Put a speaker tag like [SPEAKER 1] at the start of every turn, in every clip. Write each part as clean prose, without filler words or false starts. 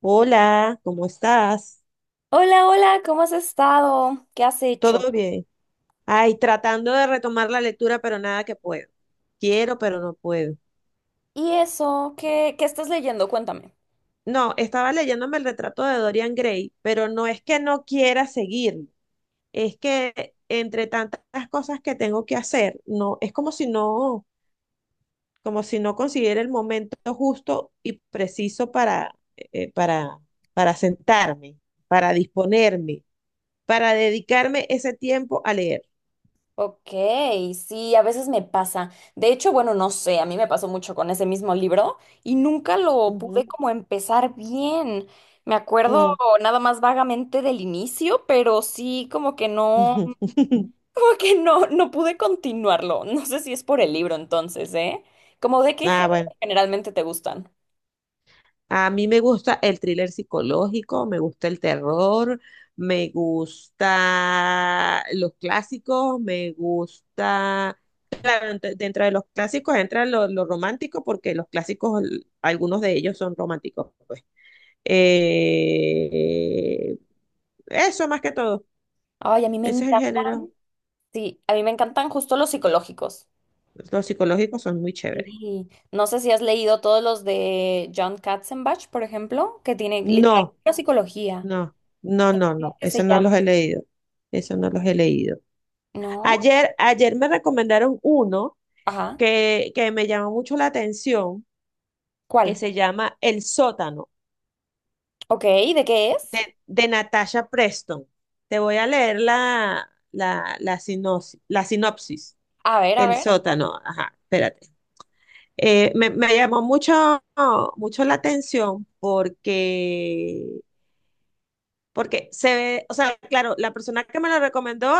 [SPEAKER 1] Hola, ¿cómo estás?
[SPEAKER 2] Hola, hola, ¿cómo has estado? ¿Qué has hecho?
[SPEAKER 1] ¿Todo bien? Ay, tratando de retomar la lectura, pero nada que puedo. Quiero, pero no puedo.
[SPEAKER 2] ¿Y eso? ¿Qué estás leyendo? Cuéntame.
[SPEAKER 1] No, estaba leyéndome el retrato de Dorian Gray, pero no es que no quiera seguirlo. Es que entre tantas cosas que tengo que hacer, no, es como si no consiguiera el momento justo y preciso eh, para, para sentarme, para disponerme, para dedicarme ese tiempo a leer.
[SPEAKER 2] Ok, sí, a veces me pasa. De hecho, bueno, no sé, a mí me pasó mucho con ese mismo libro y nunca lo pude
[SPEAKER 1] Ujú,
[SPEAKER 2] como empezar bien. Me acuerdo nada más vagamente del inicio, pero sí como que no, como que no, no pude continuarlo. No sé si es por el libro entonces, ¿eh? ¿Como de qué
[SPEAKER 1] Ah,
[SPEAKER 2] género
[SPEAKER 1] bueno.
[SPEAKER 2] generalmente te gustan?
[SPEAKER 1] A mí me gusta el thriller psicológico, me gusta el terror, me gusta los clásicos, me gusta... Dentro de los clásicos entra lo romántico porque los clásicos, algunos de ellos son románticos, pues. Eh, eso más que todo.
[SPEAKER 2] Ay, a mí me
[SPEAKER 1] Ese es el
[SPEAKER 2] encantan,
[SPEAKER 1] género.
[SPEAKER 2] sí, a mí me encantan justo los psicológicos.
[SPEAKER 1] Los psicológicos son muy chéveres.
[SPEAKER 2] Sí. No sé si has leído todos los de John Katzenbach, por ejemplo, que tiene
[SPEAKER 1] No,
[SPEAKER 2] literatura psicología,
[SPEAKER 1] no, no, no, no.
[SPEAKER 2] que se
[SPEAKER 1] Esos no
[SPEAKER 2] llama,
[SPEAKER 1] los he leído. Eso no los he leído.
[SPEAKER 2] ¿no?
[SPEAKER 1] Ayer, ayer me recomendaron uno
[SPEAKER 2] Ajá.
[SPEAKER 1] que me llamó mucho la atención, que
[SPEAKER 2] ¿Cuál?
[SPEAKER 1] se llama El sótano
[SPEAKER 2] Ok, ¿de qué es?
[SPEAKER 1] de Natasha Preston. Te voy a leer la sinopsis.
[SPEAKER 2] A ver, a
[SPEAKER 1] El
[SPEAKER 2] ver.
[SPEAKER 1] sótano, ajá, espérate. Me llamó mucho, mucho la atención porque se ve, o sea, claro, la persona que me lo recomendó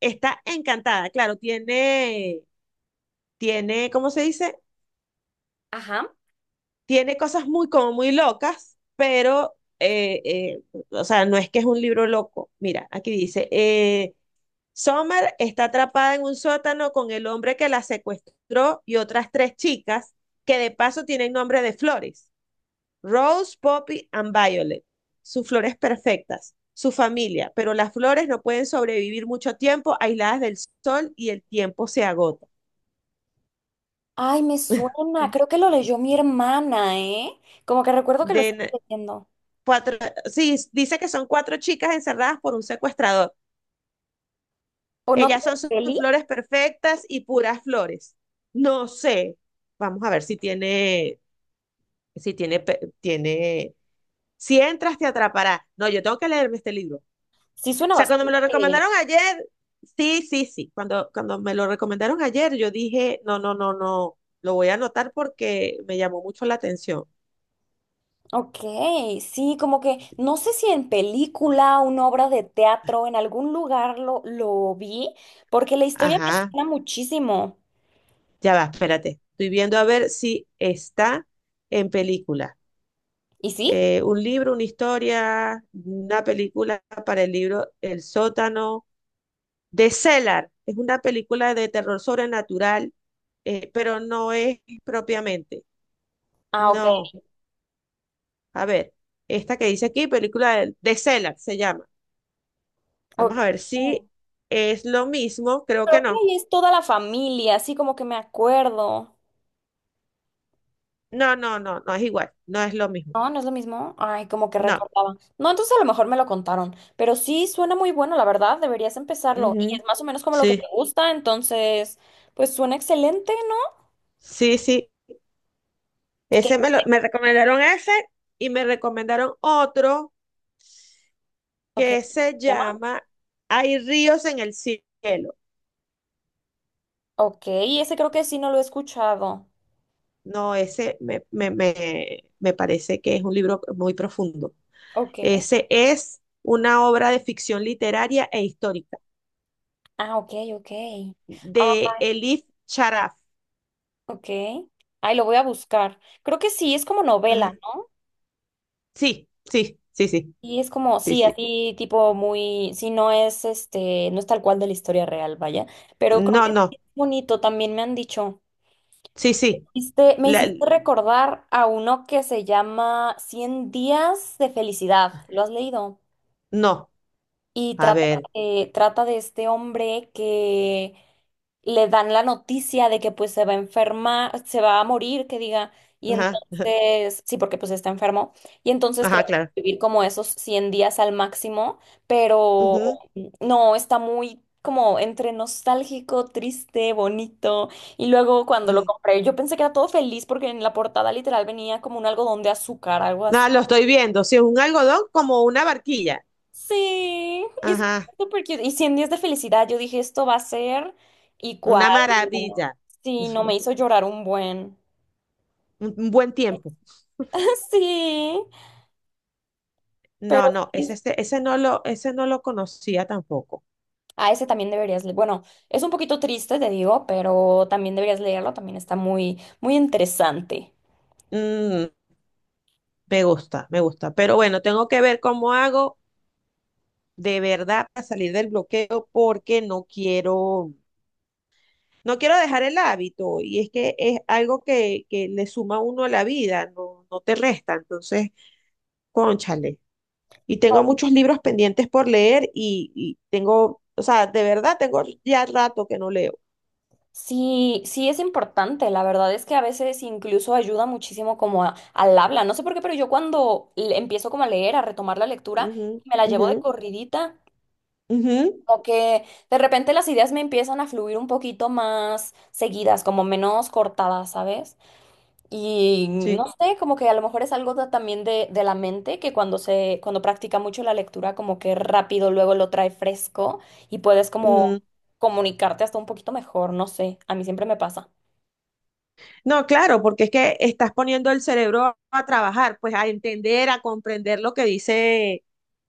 [SPEAKER 1] está encantada, claro, tiene, tiene, ¿cómo se dice?
[SPEAKER 2] Ajá.
[SPEAKER 1] Tiene cosas muy, como muy locas, pero, o sea, no es que es un libro loco. Mira, aquí dice, Summer está atrapada en un sótano con el hombre que la secuestró y otras tres chicas que de paso tienen nombre de flores, Rose, Poppy and Violet. Sus flores perfectas, su familia, pero las flores no pueden sobrevivir mucho tiempo aisladas del sol y el tiempo se agota.
[SPEAKER 2] Ay, me suena, creo que lo leyó mi hermana, ¿eh? Como que recuerdo que lo estaba
[SPEAKER 1] De
[SPEAKER 2] leyendo.
[SPEAKER 1] Cuatro, sí, dice que son cuatro chicas encerradas por un secuestrador.
[SPEAKER 2] ¿O no?
[SPEAKER 1] Ellas son sus
[SPEAKER 2] ¿Peli?
[SPEAKER 1] flores perfectas y puras flores. No sé. Vamos a ver si tiene, si tiene, tiene. Si entras, te atrapará. No, yo tengo que leerme este libro. O
[SPEAKER 2] Sí, suena
[SPEAKER 1] sea, cuando me lo
[SPEAKER 2] bastante.
[SPEAKER 1] recomendaron ayer, sí, sí, sí. Cuando me lo recomendaron ayer, yo dije, no, no, no, no. Lo voy a anotar porque me llamó mucho la atención.
[SPEAKER 2] Ok, sí, como que no sé si en película, una obra de teatro, en algún lugar lo vi, porque la historia me
[SPEAKER 1] Ajá.
[SPEAKER 2] suena muchísimo.
[SPEAKER 1] Ya va, espérate. Estoy viendo a ver si está en película.
[SPEAKER 2] ¿Y sí?
[SPEAKER 1] Un libro, una historia, una película para el libro El sótano de Cellar. Es una película de terror sobrenatural, pero no es propiamente.
[SPEAKER 2] Ah, ok.
[SPEAKER 1] No, a ver, esta que dice aquí, película de Cellar se llama.
[SPEAKER 2] Ok.
[SPEAKER 1] Vamos a ver si
[SPEAKER 2] Mm.
[SPEAKER 1] es lo mismo. Creo que
[SPEAKER 2] Creo que
[SPEAKER 1] no.
[SPEAKER 2] ahí es toda la familia, así como que me acuerdo.
[SPEAKER 1] No, no, no, no es igual. No es lo mismo.
[SPEAKER 2] No, no es lo mismo. Ay, como que
[SPEAKER 1] No.
[SPEAKER 2] recordaba. No, entonces a lo mejor me lo contaron. Pero sí suena muy bueno, la verdad. Deberías empezarlo. Y es
[SPEAKER 1] Ujú.
[SPEAKER 2] más o menos como lo que te
[SPEAKER 1] Sí,
[SPEAKER 2] gusta, entonces, pues suena excelente, ¿no?
[SPEAKER 1] sí, sí.
[SPEAKER 2] ¿Qué?
[SPEAKER 1] Me recomendaron ese y me recomendaron otro
[SPEAKER 2] Ok. ¿Se
[SPEAKER 1] que se
[SPEAKER 2] llama?
[SPEAKER 1] llama Hay ríos en el cielo.
[SPEAKER 2] Ok, ese creo que sí no lo he escuchado.
[SPEAKER 1] No, ese me parece que es un libro muy profundo.
[SPEAKER 2] Ok.
[SPEAKER 1] Ese es una obra de ficción literaria e histórica
[SPEAKER 2] Ah, ok, ok. Ah,
[SPEAKER 1] de Elif Charaf.
[SPEAKER 2] ok. Ay, lo voy a buscar. Creo que sí, es como novela.
[SPEAKER 1] Ajá. Sí, sí, sí, sí,
[SPEAKER 2] Y es como,
[SPEAKER 1] sí,
[SPEAKER 2] sí,
[SPEAKER 1] sí.
[SPEAKER 2] así tipo muy, sí, no es este, no es tal cual de la historia real, vaya, pero creo
[SPEAKER 1] No,
[SPEAKER 2] que sí
[SPEAKER 1] no,
[SPEAKER 2] es bonito, también me han dicho.
[SPEAKER 1] sí, sí.
[SPEAKER 2] Me
[SPEAKER 1] La-
[SPEAKER 2] hiciste recordar a uno que se llama 100 días de felicidad, ¿lo has leído?
[SPEAKER 1] no,
[SPEAKER 2] Y
[SPEAKER 1] a
[SPEAKER 2] trata
[SPEAKER 1] ver.
[SPEAKER 2] de, trata de este hombre que le dan la noticia de que pues se va a enfermar, se va a morir, que diga, y
[SPEAKER 1] Ajá,
[SPEAKER 2] entonces, sí, porque pues está enfermo, y entonces
[SPEAKER 1] ajá,
[SPEAKER 2] trata
[SPEAKER 1] claro.
[SPEAKER 2] de vivir como esos 100 días al máximo, pero
[SPEAKER 1] Ujú,
[SPEAKER 2] no, está muy como entre nostálgico, triste, bonito, y luego cuando lo
[SPEAKER 1] ujú.
[SPEAKER 2] compré, yo pensé que era todo feliz porque en la portada literal venía como un algodón de azúcar, algo.
[SPEAKER 1] Ah, lo estoy viendo. Si es un algodón como una barquilla.
[SPEAKER 2] Sí, y es
[SPEAKER 1] Ajá,
[SPEAKER 2] súper cute. Y 100 días de felicidad, yo dije, esto va a ser y cuál.
[SPEAKER 1] una maravilla.
[SPEAKER 2] Sí, no me hizo llorar un buen.
[SPEAKER 1] Un buen tiempo.
[SPEAKER 2] Sí,
[SPEAKER 1] No,
[SPEAKER 2] pero
[SPEAKER 1] no, ese,
[SPEAKER 2] sí,
[SPEAKER 1] ese no lo conocía tampoco.
[SPEAKER 2] a ese también deberías leer. Bueno, es un poquito triste, te digo, pero también deberías leerlo, también está muy, muy interesante.
[SPEAKER 1] Mm, me gusta, me gusta. Pero bueno, tengo que ver cómo hago de verdad para salir del bloqueo porque no quiero, no quiero dejar el hábito y es que es algo que le suma a uno a la vida, no, no te resta. Entonces, cónchale. Y tengo muchos libros pendientes por leer y tengo, o sea, de verdad tengo ya rato que no leo.
[SPEAKER 2] Sí, sí es importante, la verdad es que a veces incluso ayuda muchísimo como a- al habla, no sé por qué, pero yo cuando empiezo como a leer, a retomar la lectura,
[SPEAKER 1] Ujú,
[SPEAKER 2] me la llevo
[SPEAKER 1] ujú.
[SPEAKER 2] de corridita.
[SPEAKER 1] Ujú,
[SPEAKER 2] Como que de repente las ideas me empiezan a fluir un poquito más seguidas, como menos cortadas, ¿sabes? Y no
[SPEAKER 1] Sí.
[SPEAKER 2] sé, como que a lo mejor es algo también de la mente, que cuando practica mucho la lectura, como que rápido luego lo trae fresco y puedes
[SPEAKER 1] Mm,
[SPEAKER 2] como comunicarte hasta un poquito mejor, no sé, a mí siempre me pasa.
[SPEAKER 1] no, claro, porque es que estás poniendo el cerebro a trabajar, pues a entender, a comprender lo que dice,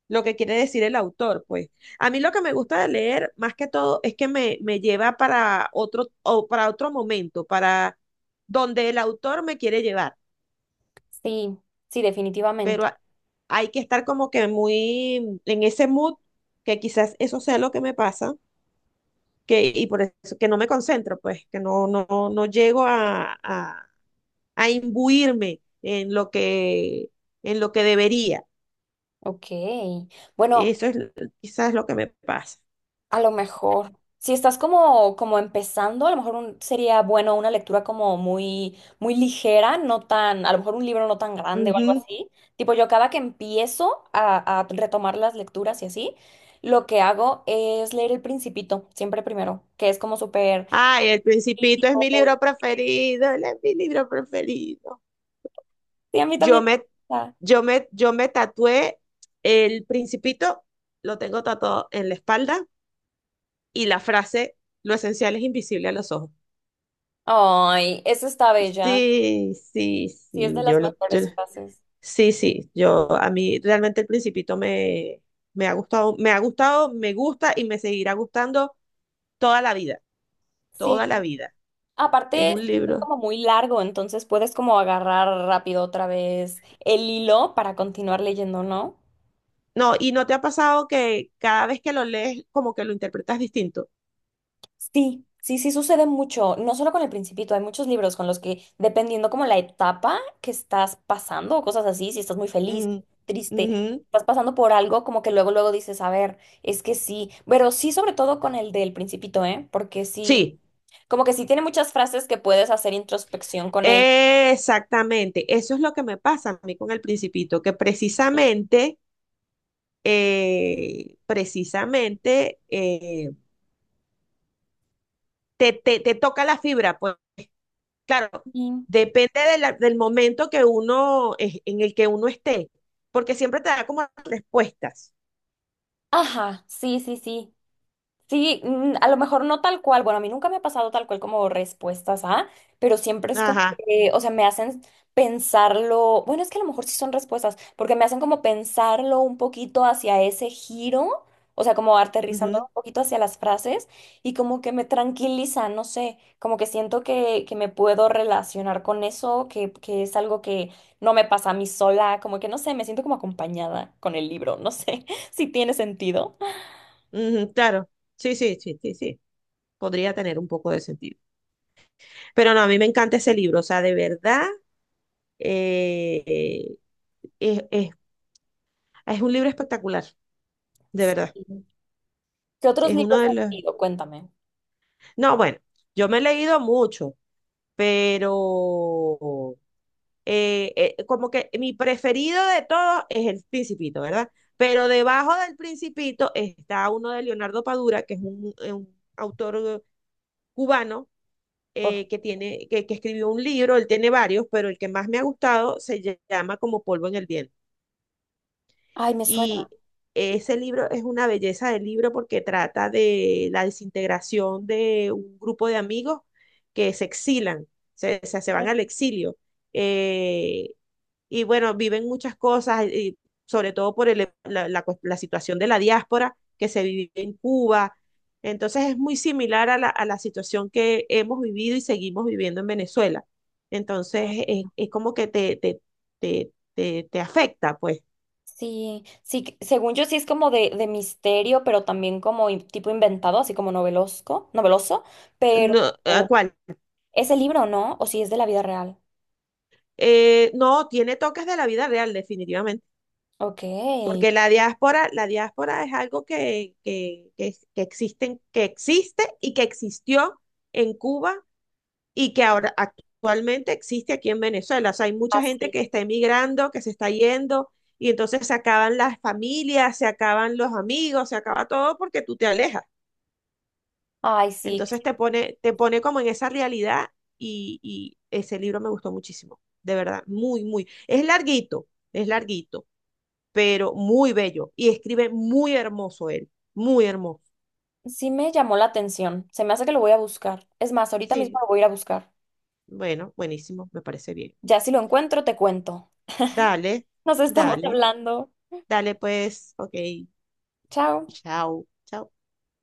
[SPEAKER 1] lo que quiere decir el autor, pues. A mí lo que me gusta de leer, más que todo, es que me lleva para otro, o para otro momento, para donde el autor me quiere llevar.
[SPEAKER 2] Sí, sí, definitivamente.
[SPEAKER 1] Pero a- hay que estar como que muy en ese mood, que quizás eso sea lo que me pasa, y por eso que no me concentro, pues, que no, no, no llego a imbuirme en lo que debería.
[SPEAKER 2] Ok. Bueno,
[SPEAKER 1] Eso es l- quizás lo que me pasa.
[SPEAKER 2] a lo mejor. Si estás como, como empezando, a lo mejor sería bueno una lectura como muy, muy ligera, no tan, a lo mejor un libro no tan grande o algo
[SPEAKER 1] Ujú.
[SPEAKER 2] así. Tipo, yo cada que empiezo a retomar las lecturas y así, lo que hago es leer El Principito, siempre primero, que es como súper...
[SPEAKER 1] Ay, El Principito es
[SPEAKER 2] lírico.
[SPEAKER 1] mi libro preferido, él es mi libro preferido.
[SPEAKER 2] Sí, a mí
[SPEAKER 1] Yo
[SPEAKER 2] también me
[SPEAKER 1] me,
[SPEAKER 2] gusta.
[SPEAKER 1] yo me tatué El Principito, lo tengo tatuado en la espalda y la frase, lo esencial es invisible a los ojos.
[SPEAKER 2] Ay, esa está bella.
[SPEAKER 1] Sí, sí,
[SPEAKER 2] Sí, es
[SPEAKER 1] sí,
[SPEAKER 2] de las mejores frases.
[SPEAKER 1] sí, sí, yo a mí realmente El Principito me ha gustado, me ha gustado, me gusta y me seguirá gustando toda la vida,
[SPEAKER 2] Sí.
[SPEAKER 1] toda la vida. Es
[SPEAKER 2] Aparte, es
[SPEAKER 1] un libro.
[SPEAKER 2] como muy largo, entonces puedes como agarrar rápido otra vez el hilo para continuar leyendo, ¿no?
[SPEAKER 1] No, y no te ha pasado que cada vez que lo lees como que lo interpretas distinto.
[SPEAKER 2] Sí, sí, sí sucede mucho, no solo con El Principito, hay muchos libros con los que, dependiendo como la etapa que estás pasando o cosas así, si estás muy feliz,
[SPEAKER 1] Mm,
[SPEAKER 2] triste,
[SPEAKER 1] ujú.
[SPEAKER 2] estás pasando por algo como que luego dices, a ver, es que sí, pero sí sobre todo con el del Principito, ¿eh? Porque sí,
[SPEAKER 1] Sí,
[SPEAKER 2] como que sí tiene muchas frases que puedes hacer introspección con ellas.
[SPEAKER 1] exactamente. Eso es lo que me pasa a mí con El Principito, que precisamente, eh, precisamente eh, te, te, te toca la fibra, pues. Claro,
[SPEAKER 2] Sí.
[SPEAKER 1] depende de del momento que uno, en el que uno esté, porque siempre te da como respuestas.
[SPEAKER 2] Ajá, sí, sí, sí. Sí, mm, a lo mejor no tal cual. Bueno, a mí nunca me ha pasado tal cual como respuestas a, pero siempre es como
[SPEAKER 1] Ajá,
[SPEAKER 2] que, o sea, me hacen pensarlo. Bueno, es que a lo mejor sí son respuestas, porque me hacen como pensarlo un poquito hacia ese giro, o sea, como aterrizándolo
[SPEAKER 1] ujú,
[SPEAKER 2] un poquito hacia las frases y como que me tranquiliza, no sé, como que siento que me puedo relacionar con eso, que es algo que no me pasa a mí sola, como que no sé, me siento como acompañada con el libro, no sé si tiene sentido.
[SPEAKER 1] ujú, claro. Sí, sí, sí, sí, sí. Podría tener un poco de sentido. Pero no, a mí me encanta ese libro, o sea, de verdad, eh, es, es- es un libro espectacular, de
[SPEAKER 2] Sí.
[SPEAKER 1] verdad.
[SPEAKER 2] ¿Qué otros
[SPEAKER 1] Es uno
[SPEAKER 2] libros
[SPEAKER 1] de
[SPEAKER 2] has
[SPEAKER 1] los...
[SPEAKER 2] leído? Cuéntame.
[SPEAKER 1] No, bueno, yo me he leído mucho, pero... eh, como que mi preferido de todos es el Principito, ¿verdad? Pero debajo del Principito está uno de Leonardo Padura, que es un autor cubano
[SPEAKER 2] Ok.
[SPEAKER 1] que escribió un libro, él tiene varios, pero el que más me ha gustado se llama Como polvo en el viento.
[SPEAKER 2] Ay, me suena.
[SPEAKER 1] Y ese libro es una belleza de libro porque trata de la desintegración de un grupo de amigos que se exilan, se van al exilio. Eh, y bueno, viven muchas cosas, y sobre todo por la la situación de la diáspora que se vive en Cuba. Entonces es muy similar a la situación que hemos vivido y seguimos viviendo en Venezuela. Entonces
[SPEAKER 2] Ah,
[SPEAKER 1] es como que te afecta, pues.
[SPEAKER 2] sí, sí, según yo sí es como de misterio, pero también como tipo inventado, así como novelosco, noveloso, pero
[SPEAKER 1] No, ¿a cuál?
[SPEAKER 2] ¿es el libro no? ¿O si es de la vida real?
[SPEAKER 1] No, tiene toques de la vida real, definitivamente,
[SPEAKER 2] Ok.
[SPEAKER 1] porque la diáspora es algo que existen, que existe y que existió en Cuba y que ahora actualmente existe aquí en Venezuela. O sea, hay mucha gente
[SPEAKER 2] Así.
[SPEAKER 1] que está emigrando, que se está yendo, y entonces se acaban las familias, se acaban los amigos, se acaba todo porque tú te alejas.
[SPEAKER 2] Ay, sí,
[SPEAKER 1] Entonces te pone como en esa realidad y ese libro me gustó muchísimo, de verdad, muy, muy. Es larguito, pero muy bello y escribe muy hermoso él, muy hermoso.
[SPEAKER 2] sí me llamó la atención. Se me hace que lo voy a buscar. Es más, ahorita mismo
[SPEAKER 1] Sí,
[SPEAKER 2] lo voy a ir a buscar.
[SPEAKER 1] bueno, buenísimo, me parece bien.
[SPEAKER 2] Ya si lo encuentro, te cuento.
[SPEAKER 1] Dale,
[SPEAKER 2] Nos estamos
[SPEAKER 1] dale,
[SPEAKER 2] hablando.
[SPEAKER 1] dale pues, ok,
[SPEAKER 2] Chao.
[SPEAKER 1] chao, chao.